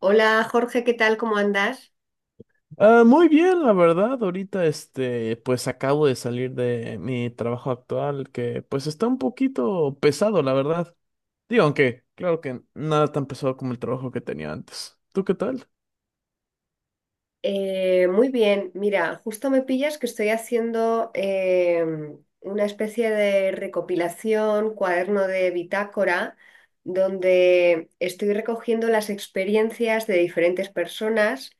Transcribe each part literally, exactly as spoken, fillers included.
Hola Jorge, ¿qué tal? ¿Cómo andas? Ah, muy bien, la verdad. Ahorita, este, pues acabo de salir de mi trabajo actual, que pues está un poquito pesado, la verdad. Digo, aunque claro que nada tan pesado como el trabajo que tenía antes. ¿Tú qué tal? Eh, muy bien, mira, justo me pillas que estoy haciendo em, una especie de recopilación, cuaderno de bitácora, donde estoy recogiendo las experiencias de diferentes personas,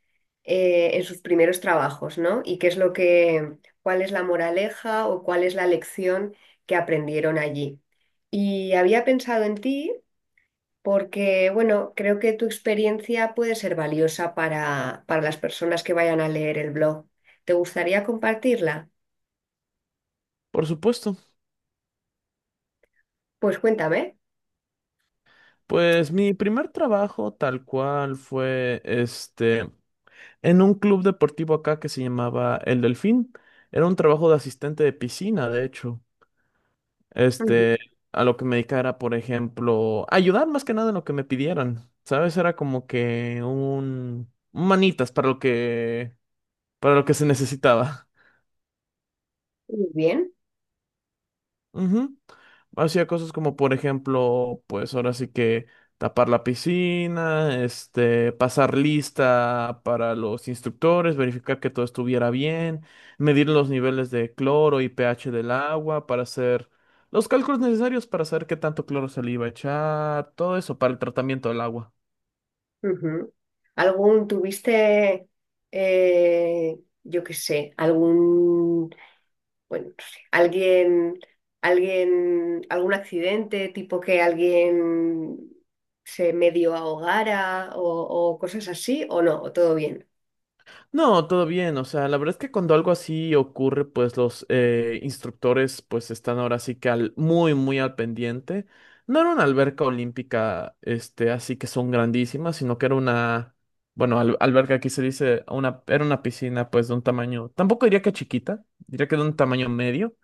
eh, en sus primeros trabajos, ¿no? Y qué es lo que, cuál es la moraleja o cuál es la lección que aprendieron allí. Y había pensado en ti porque, bueno, creo que tu experiencia puede ser valiosa para, para las personas que vayan a leer el blog. ¿Te gustaría compartirla? Por supuesto. Pues cuéntame. Pues mi primer trabajo tal cual fue, este, en un club deportivo acá que se llamaba El Delfín. Era un trabajo de asistente de piscina, de hecho. Ujú. Este, a lo que me dedicara por ejemplo, ayudar más que nada en lo que me pidieran, ¿sabes? Era como que un, un manitas para lo que, para lo que se necesitaba. Muy bien. Ujú. Hacía cosas como, por ejemplo, pues ahora sí que tapar la piscina, este, pasar lista para los instructores, verificar que todo estuviera bien, medir los niveles de cloro y pH del agua para hacer los cálculos necesarios para saber qué tanto cloro se le iba a echar, todo eso para el tratamiento del agua. Ujú. ¿Algún tuviste, eh, yo qué sé, algún, bueno, no sé, alguien, Alguien, algún accidente, tipo que alguien se medio ahogara o, o cosas así, o no? ¿O todo bien? No, todo bien. O sea, la verdad es que cuando algo así ocurre, pues los eh, instructores pues están ahora sí que al, muy, muy al pendiente. No era una alberca olímpica, este, así que son grandísimas, sino que era una, bueno, al- alberca aquí se dice, una, era una piscina pues de un tamaño, tampoco diría que chiquita, diría que de un tamaño medio,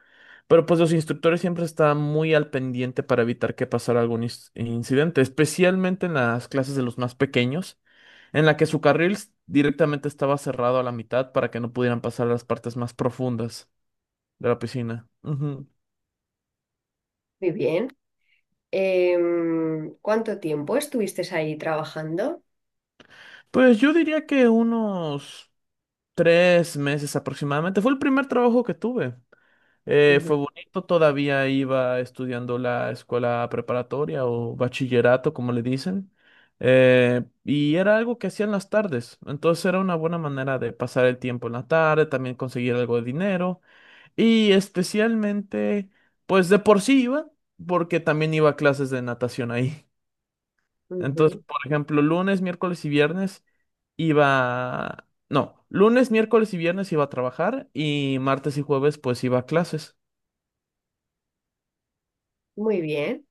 pero pues los instructores siempre están muy al pendiente para evitar que pasara algún inc- incidente, especialmente en las clases de los más pequeños en la que su carril s- directamente estaba cerrado a la mitad para que no pudieran pasar las partes más profundas de la piscina. Ujú. Muy bien. Em, ¿cuánto tiempo estuviste ahí trabajando? Pues yo diría que unos tres meses aproximadamente. Fue el primer trabajo que tuve. Eh, fue Ujú, bonito, todavía iba estudiando la escuela preparatoria o bachillerato, como le dicen. Eh, y era algo que hacía en las tardes, entonces era una buena manera de pasar el tiempo en la tarde, también conseguir algo de dinero. Y especialmente, pues de por sí iba, porque también iba a clases de natación ahí. Entonces, ujú. por ejemplo, lunes, miércoles y viernes iba... No, lunes, miércoles y viernes iba a trabajar y martes y jueves pues iba a clases. Muy bien.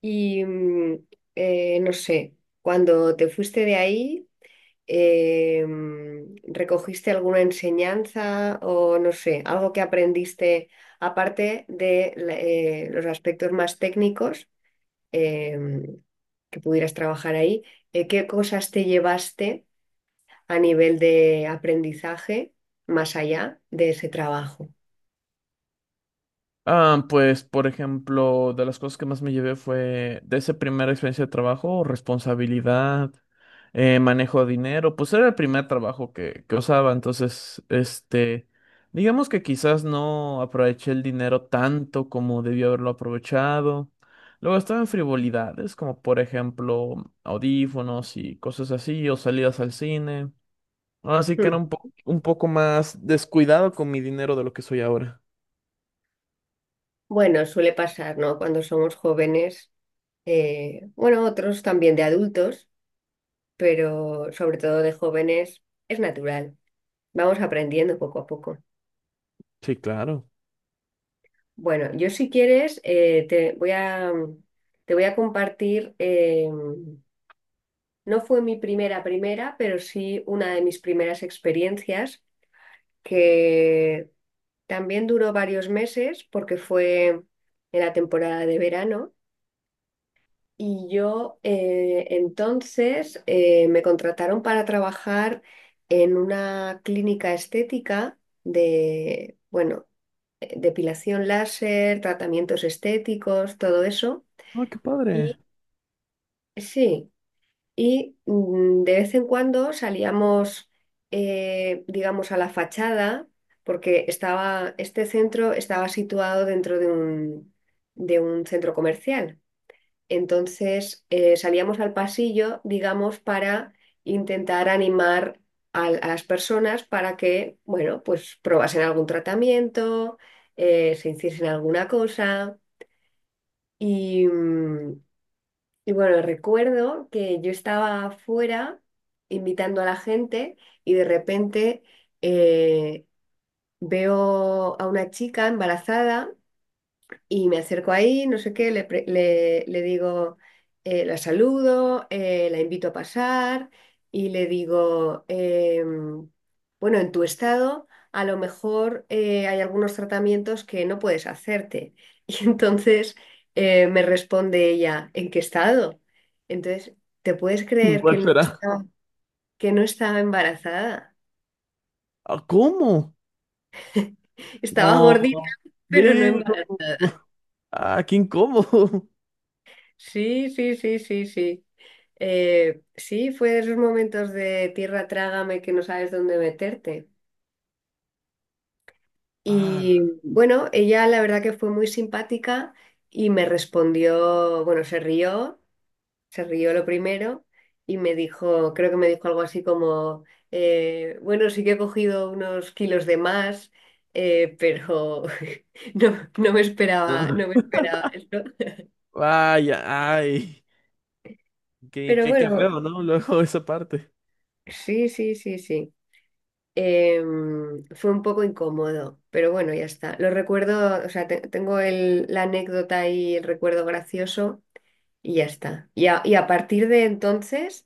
Y mm, eh, no sé, cuando te fuiste de ahí, em, ¿recogiste alguna enseñanza o no sé, algo que aprendiste aparte de la- eh, los aspectos más técnicos em, que pudieras trabajar ahí? Eh, ¿qué cosas te llevaste a nivel de aprendizaje más allá de ese trabajo? Ah, pues, por ejemplo, de las cosas que más me llevé fue de esa primera experiencia de trabajo, responsabilidad, eh, manejo de dinero, pues era el primer trabajo que, que usaba, entonces, este, digamos que quizás no aproveché el dinero tanto como debí haberlo aprovechado. Luego estaba en frivolidades, como por ejemplo audífonos y cosas así, o salidas al cine. Así que era Hmm. un po- un poco más descuidado con mi dinero de lo que soy ahora. Bueno, suele pasar, ¿no? Cuando somos jóvenes, eh, bueno, otros también de adultos, pero sobre todo de jóvenes, es natural. Vamos aprendiendo poco a poco. Sí, claro. Bueno, yo si quieres, eh, te voy a, mm, te voy a compartir, eh, mm, no fue mi primera primera, pero sí una de mis primeras experiencias que también duró varios meses porque fue en la temporada de verano. Y yo, eh, entonces eh, me contrataron para trabajar en una clínica estética de, bueno, eh, depilación láser, tratamientos estéticos, todo eso. Ay, qué padre. Y sí, y mm, de vez en cuando salíamos, eh, digamos, a la fachada, porque estaba, este centro estaba situado dentro de un, de un centro comercial. Entonces, eh, salíamos al pasillo, digamos, para intentar animar a, a las personas para que, bueno, pues probasen algún tratamiento, eh, se hiciesen alguna cosa. Y, mm, y bueno, recuerdo que yo estaba afuera invitando a la gente y de repente eh, veo a una chica embarazada y me acerco ahí, no sé qué, le, pre- le- le digo, eh, la saludo, eh, la invito a pasar y le digo, em, bueno, en tu estado a lo mejor eh, hay algunos tratamientos que no puedes hacerte. Y entonces eh, me responde ella, ¿en qué estado? Entonces, ¿te puedes creer que ¿Cuál no será? estaba, que no estaba embarazada? Ah, ¿cómo? Estaba gordita, No, pero no veo. embarazada. Ah, qué incómodo. Sí, sí, sí, sí, sí. Eh, sí, fue de esos momentos de tierra trágame que no sabes dónde meterte. Ah, Y bueno, ella la verdad que fue muy simpática y me respondió, bueno, se rió, se rió lo primero y me dijo, creo que me dijo algo así como, eh, bueno, sí que he cogido unos kilos de más, eh, pero no, no me esperaba, no. no me esperaba esto. Vaya, ay. Qué, Pero qué, qué bueno, feo, ¿no? Luego esa parte. sí, sí, sí, sí. Em, fue un poco incómodo, pero bueno, ya está. Lo recuerdo, o sea, te- tengo el- la anécdota y el recuerdo gracioso y ya está. Y a, y a partir de entonces,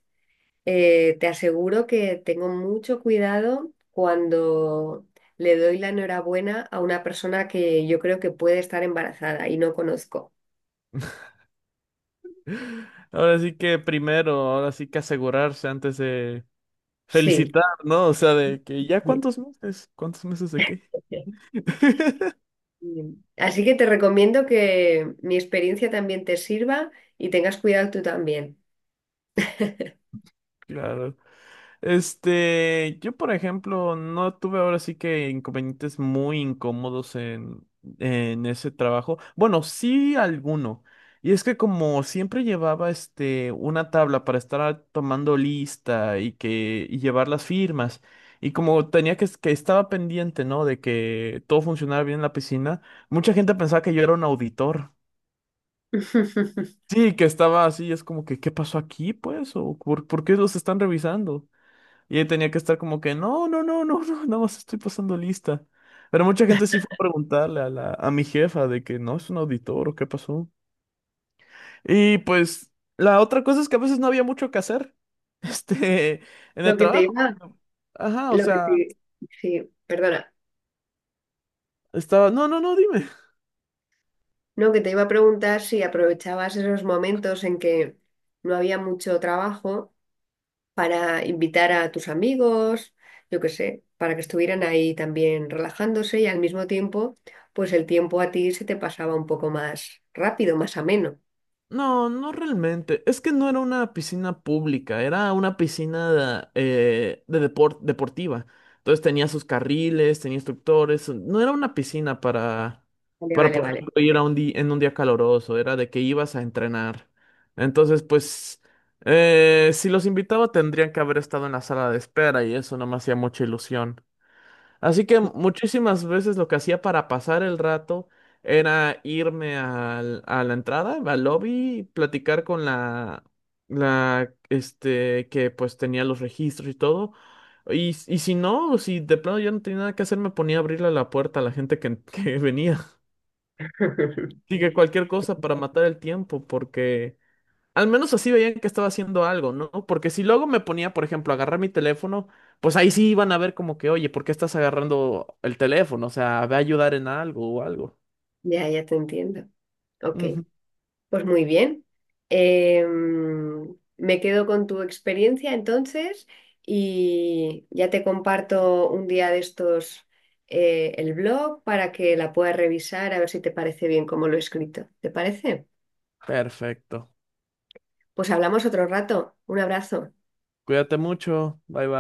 eh, te aseguro que tengo mucho cuidado cuando le doy la enhorabuena a una persona que yo creo que puede estar embarazada y no conozco. Ahora sí que primero, ahora sí que asegurarse antes de Sí, felicitar, ¿no? O sea, de que ya cuántos meses, cuántos meses de qué. sí. Bien. Así que te recomiendo que mi experiencia también te sirva y tengas cuidado tú también. Claro. Este, yo por ejemplo, no tuve ahora sí que inconvenientes muy incómodos en, en ese trabajo. Bueno, sí alguno. Y es que como siempre llevaba este una tabla para estar tomando lista y que y llevar las firmas. Y como tenía que, que estaba pendiente, ¿no? De que todo funcionara bien en la piscina, mucha gente pensaba que yo era un auditor. Sí, que estaba así, es como que, ¿qué pasó aquí, pues? ¿O por, por qué los están revisando? Y él tenía que estar como que, no, no, no, no, no, nada más estoy pasando lista. Pero mucha gente sí fue a preguntarle a la, a mi jefa de que no es un auditor o qué pasó. Y pues la otra cosa es que a veces no había mucho que hacer, este, en Lo el que te trabajo. iba, Ajá, o lo que sea, te, Sí, perdona, estaba, no, no, no, dime. no, que te iba a preguntar si aprovechabas esos momentos en que no había mucho trabajo para invitar a tus amigos, yo qué sé, para que estuvieran ahí también relajándose y al mismo tiempo, pues el tiempo a ti se te pasaba un poco más rápido, más ameno. No, no realmente. Es que no era una piscina pública, era una piscina eh, de depor- deportiva. Entonces tenía sus carriles, tenía instructores. No era una piscina para, Vale, para vale, por vale. ejemplo, ir a un día en un día caloroso. Era de que ibas a entrenar. Entonces, pues, eh, si los invitaba tendrían que haber estado en la sala de espera y eso no me hacía mucha ilusión. Así que muchísimas veces lo que hacía para pasar el rato era irme al- a la entrada, al lobby, y platicar con la, la, este, que pues tenía los registros y todo. Y, y si no, si de plano yo no tenía nada que hacer, me ponía a abrirle la puerta a la gente que, que venía. Así que cualquier cosa para matar el tiempo, porque al menos así veían que estaba haciendo algo, ¿no? Porque si luego me ponía, por ejemplo, a agarrar mi teléfono, pues ahí sí iban a ver como que, oye, ¿por qué estás agarrando el teléfono? O sea, ve a ayudar en algo o algo. Ya, ya te entiendo. Ok. Ujú. Pues muy bien. Em, me quedo con tu experiencia entonces y ya te comparto un día de estos, eh, el blog para que la puedas revisar a ver si te parece bien como lo he escrito. ¿Te parece? Perfecto. Pues hablamos otro rato. Un abrazo. Cuídate mucho. Bye bye.